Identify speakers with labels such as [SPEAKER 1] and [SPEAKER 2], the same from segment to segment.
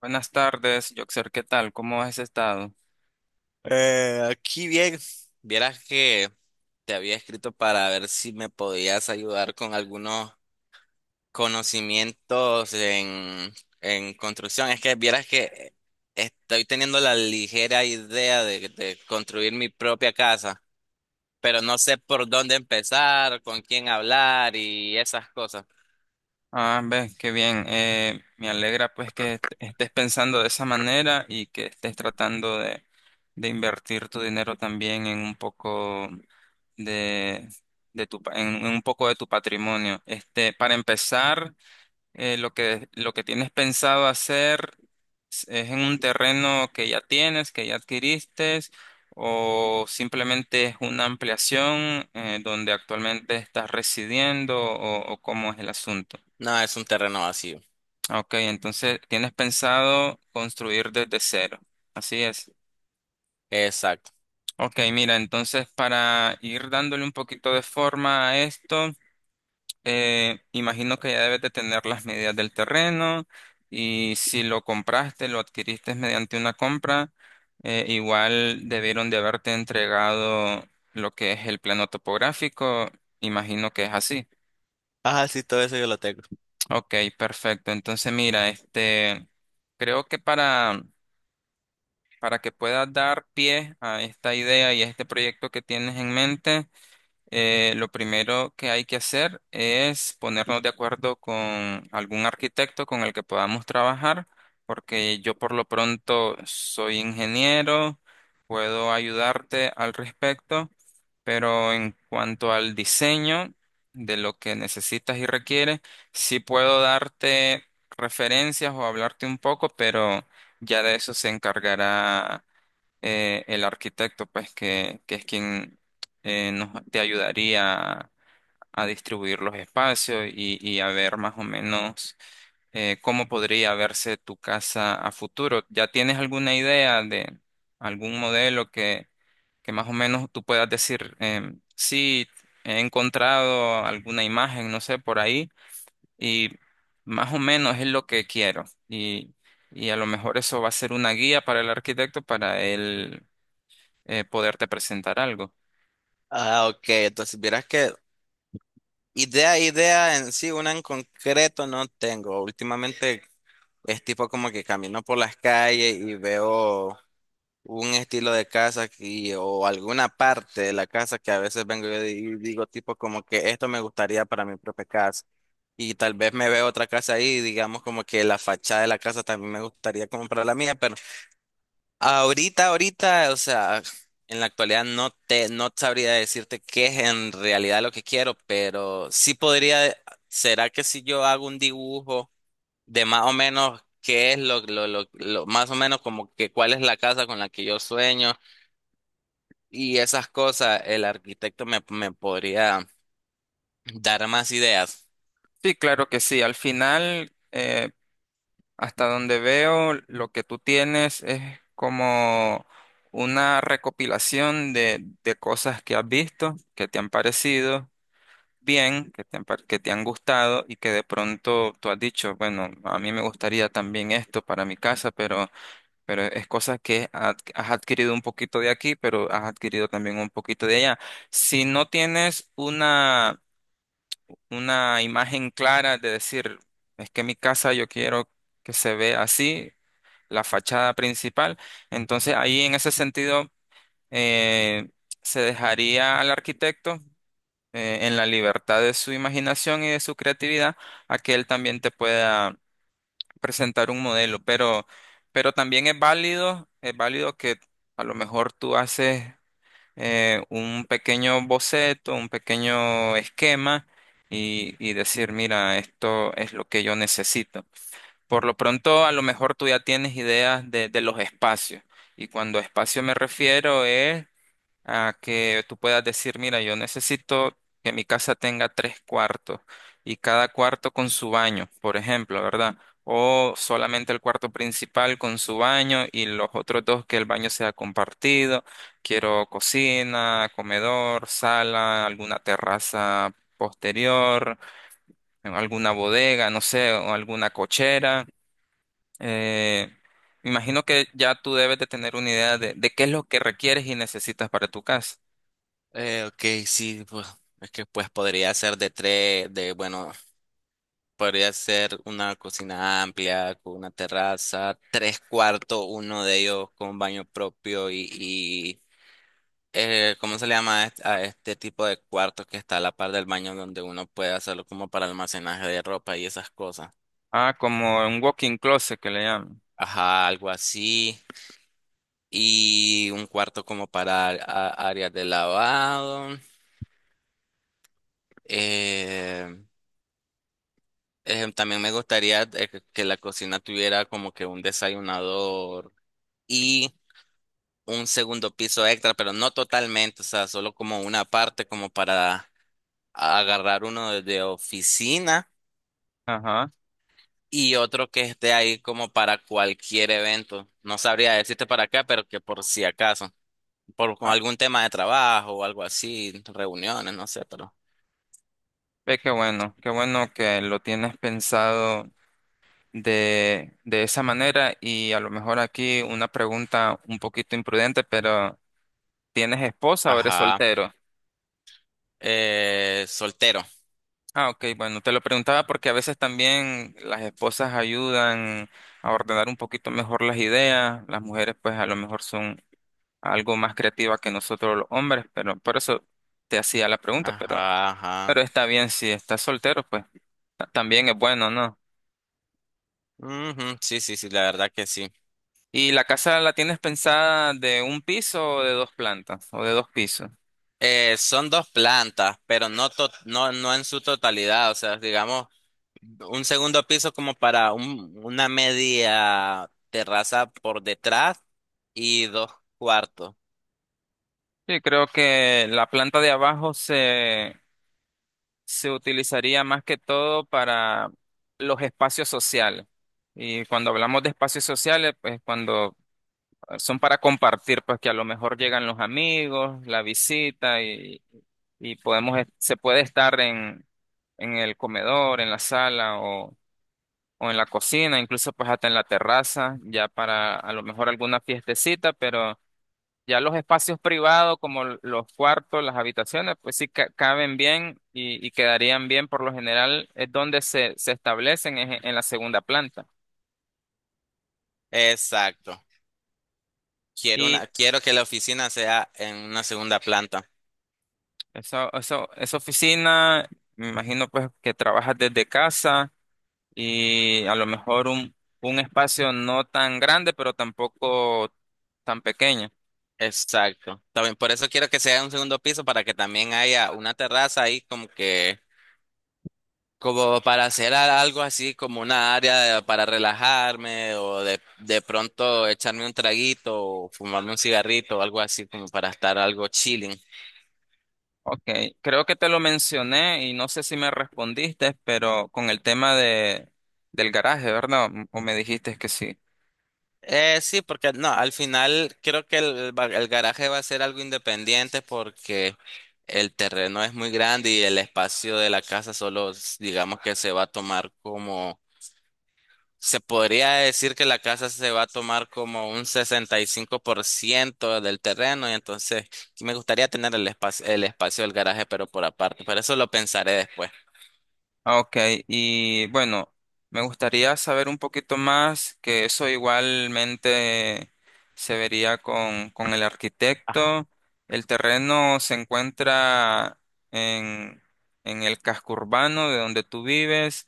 [SPEAKER 1] Buenas tardes, Joxer, ¿qué tal? ¿Cómo has estado?
[SPEAKER 2] Aquí bien, vieras que te había escrito para ver si me podías ayudar con algunos conocimientos en construcción. Es que vieras que estoy teniendo la ligera idea de construir mi propia casa, pero no sé por dónde empezar, con quién hablar y esas cosas.
[SPEAKER 1] Ah, ves, qué bien. Me alegra pues que estés pensando de esa manera y que estés tratando de invertir tu dinero también en un poco de, de tu, en un poco de tu patrimonio. Este, para empezar, lo lo que tienes pensado hacer es en un terreno que ya tienes, que ya adquiriste, o simplemente es una ampliación donde actualmente estás residiendo o cómo es el asunto.
[SPEAKER 2] No, es un terreno vacío.
[SPEAKER 1] Ah, ok, entonces tienes pensado construir desde cero. Así es.
[SPEAKER 2] Exacto.
[SPEAKER 1] Ok, mira, entonces para ir dándole un poquito de forma a esto. Imagino que ya debes de tener las medidas del terreno y si lo compraste, lo adquiriste mediante una compra, igual debieron de haberte entregado lo que es el plano topográfico. Imagino que es así.
[SPEAKER 2] Ah, sí, todo eso yo lo tengo.
[SPEAKER 1] Ok, perfecto. Entonces, mira, este, creo que para que puedas dar pie a esta idea y a este proyecto que tienes en mente, lo primero que hay que hacer es ponernos de acuerdo con algún arquitecto con el que podamos trabajar, porque yo por lo pronto soy ingeniero, puedo ayudarte al respecto, pero en cuanto al diseño de lo que necesitas y requieres, sí puedo darte referencias o hablarte un poco, pero ya de eso se encargará el arquitecto, pues, que es quien te ayudaría distribuir los espacios y a ver más o menos cómo podría verse tu casa a futuro. ¿Ya tienes alguna idea de algún modelo que más o menos tú puedas decir, sí, he encontrado alguna imagen, no sé, por ahí, y más o menos es lo que quiero? Y a lo mejor eso va a ser una guía para el arquitecto para él poderte presentar algo.
[SPEAKER 2] Ah, ok. Entonces, vieras que idea en sí, una en concreto no tengo. Últimamente es tipo como que camino por las calles y veo un estilo de casa aquí o alguna parte de la casa que a veces vengo yo y digo tipo como que esto me gustaría para mi propia casa. Y tal vez me veo otra casa ahí, digamos como que la fachada de la casa también me gustaría como para la mía, pero ahorita, o sea, en la actualidad no sabría decirte qué es en realidad lo que quiero, pero sí podría, ¿será que si yo hago un dibujo de más o menos qué es más o menos como que cuál es la casa con la que yo sueño y esas cosas, el arquitecto me podría dar más ideas?
[SPEAKER 1] Sí, claro que sí. Al final, hasta donde veo, lo que tú tienes es como una recopilación de cosas que has visto, que te han parecido bien, que te han, que te han gustado y que de pronto tú has dicho, bueno, a mí me gustaría también esto para mi casa, pero es cosas que has adquirido un poquito de aquí, pero has adquirido también un poquito de allá. Si no tienes una imagen clara de decir, es que mi casa yo quiero que se vea así, la fachada principal. Entonces ahí en ese sentido eh, se dejaría al arquitecto en la libertad de su imaginación y de su creatividad a que él también te pueda presentar un modelo, pero también es válido que a lo mejor tú haces un pequeño boceto, un pequeño esquema y decir, mira, esto es lo que yo necesito. Por lo pronto, a lo mejor tú ya tienes ideas de los espacios. Y cuando espacio me refiero es a que tú puedas decir, mira, yo necesito que mi casa tenga tres cuartos y cada cuarto con su baño, por ejemplo, ¿verdad? O solamente el cuarto principal con su baño y los otros dos que el baño sea compartido. Quiero cocina, comedor, sala, alguna terraza posterior, alguna bodega, no sé, o alguna cochera. Eh, Me imagino que ya tú debes de tener una idea de qué es lo que requieres y necesitas para tu casa.
[SPEAKER 2] Ok, sí, pues, es que pues podría ser de tres, de bueno. Podría ser una cocina amplia con una terraza, tres cuartos, uno de ellos con baño propio y ¿cómo se le llama a a este tipo de cuartos que está a la par del baño donde uno puede hacerlo como para almacenaje de ropa y esas cosas?
[SPEAKER 1] Ah, como un walking closet que le llaman.
[SPEAKER 2] Ajá, algo así. Y un cuarto como para áreas de lavado. Eh, También me gustaría que la cocina tuviera como que un desayunador. Y un segundo piso extra, pero no totalmente, o sea, solo como una parte como para agarrar uno de oficina
[SPEAKER 1] Ajá.
[SPEAKER 2] y otro que esté ahí como para cualquier evento. No sabría decirte para acá, pero que por si acaso, por con
[SPEAKER 1] Ah,
[SPEAKER 2] algún tema de trabajo o algo así, reuniones, no sé, pero.
[SPEAKER 1] ve qué bueno que lo tienes pensado de esa manera y a lo mejor aquí una pregunta un poquito imprudente, pero ¿tienes esposa o eres
[SPEAKER 2] Ajá.
[SPEAKER 1] soltero?
[SPEAKER 2] Soltero.
[SPEAKER 1] Ah, ok, bueno, te lo preguntaba porque a veces también las esposas ayudan a ordenar un poquito mejor las ideas, las mujeres pues a lo mejor son algo más creativas que nosotros los hombres, pero por eso te hacía la pregunta,
[SPEAKER 2] Ajá,
[SPEAKER 1] pero
[SPEAKER 2] ajá.
[SPEAKER 1] está bien si estás soltero, pues. También es bueno, ¿no?
[SPEAKER 2] Ujú, sí, sí, sí, la verdad que sí.
[SPEAKER 1] ¿Y la casa la tienes pensada de un piso o de dos plantas o de dos pisos?
[SPEAKER 2] Son dos plantas, pero no, no, no en su totalidad, o sea, digamos. Un segundo piso como para una media terraza por detrás y dos cuartos.
[SPEAKER 1] Sí, creo que la planta de abajo se utilizaría más que todo para los espacios sociales. Y cuando hablamos de espacios sociales, pues cuando son para compartir, pues que a lo mejor llegan los amigos, la visita y podemos, se puede estar en el comedor, en la sala o en la cocina, incluso pues hasta en la terraza, ya para a lo mejor alguna fiestecita, pero ya los espacios privados como los cuartos, las habitaciones, pues sí caben bien y quedarían bien por lo general, es donde se establecen es en la segunda planta.
[SPEAKER 2] Exacto.
[SPEAKER 1] Y
[SPEAKER 2] Quiero que la oficina sea en una segunda planta.
[SPEAKER 1] eso, esa oficina, me imagino pues que trabajas desde casa y a lo mejor un espacio no tan grande, pero tampoco tan pequeño.
[SPEAKER 2] Exacto. También por eso quiero que sea un segundo piso para que también haya una terraza ahí como para hacer algo así como una área para relajarme de pronto echarme un traguito o fumarme un cigarrito o algo así como para estar algo chilling.
[SPEAKER 1] Ok, creo que te lo mencioné y no sé si me respondiste, pero con el tema del garaje, ¿verdad? O me dijiste que sí.
[SPEAKER 2] Sí, porque no, al final creo que el garaje va a ser algo independiente porque el terreno es muy grande y el espacio de la casa solo, digamos que se va a tomar como, se podría decir que la casa se va a tomar como un 65% del terreno y entonces sí me gustaría tener el espacio del garaje, pero por aparte, pero eso lo pensaré después.
[SPEAKER 1] Ah, ok, y bueno, me gustaría saber un poquito más, que eso igualmente se vería con el arquitecto. El terreno se encuentra en, en el casco urbano de donde tú vives.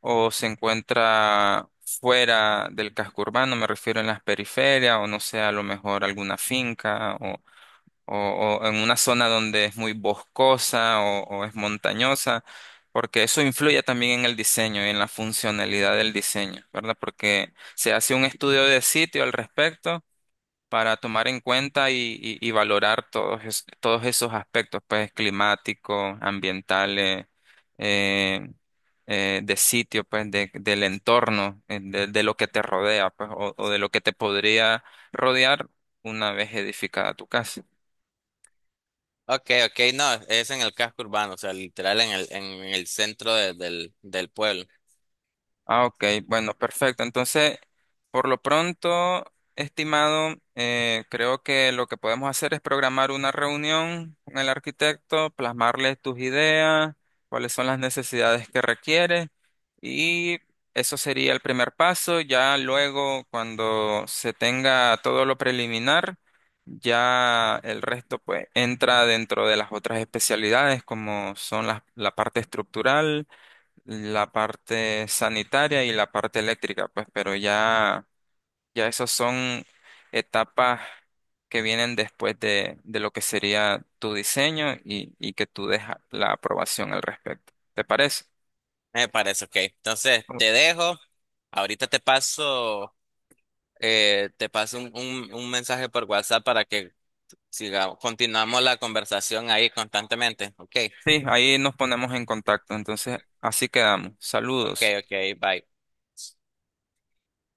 [SPEAKER 1] O se encuentra fuera del casco urbano, me refiero en las periferias, o no sé, a lo mejor alguna finca, o en una zona donde es muy boscosa o es montañosa, porque eso influye también en el diseño y en la funcionalidad del diseño, ¿verdad? Porque se hace un estudio de sitio al respecto para tomar en cuenta y valorar todos, todos esos aspectos, pues climáticos, ambientales, eh, de sitio, pues del entorno, de lo que te rodea, pues, o de lo que te podría rodear una vez edificada tu casa.
[SPEAKER 2] Ok, ok, no, es en el casco urbano, o sea, literal en en el centro del pueblo.
[SPEAKER 1] Ah, ok, bueno, perfecto. Entonces, por lo pronto, estimado, creo que lo que podemos hacer es programar una reunión con el arquitecto, plasmarle tus ideas, cuáles son las necesidades que requiere y eso sería el primer paso. Ya luego, cuando se tenga todo lo preliminar, ya el resto pues entra dentro de las otras especialidades como son la parte estructural, la parte sanitaria y la parte eléctrica, pues, pero ya, ya esas son etapas que vienen después de lo que sería tu diseño y que tú dejas la aprobación al respecto. ¿Te parece?
[SPEAKER 2] Me parece, ok. Entonces, te dejo. Ahorita te paso un mensaje por WhatsApp para que sigamos, continuamos la conversación ahí constantemente. Ok,
[SPEAKER 1] Sí, ahí nos ponemos en contacto. Entonces, así quedamos.
[SPEAKER 2] ok,
[SPEAKER 1] Saludos.
[SPEAKER 2] ok, bye.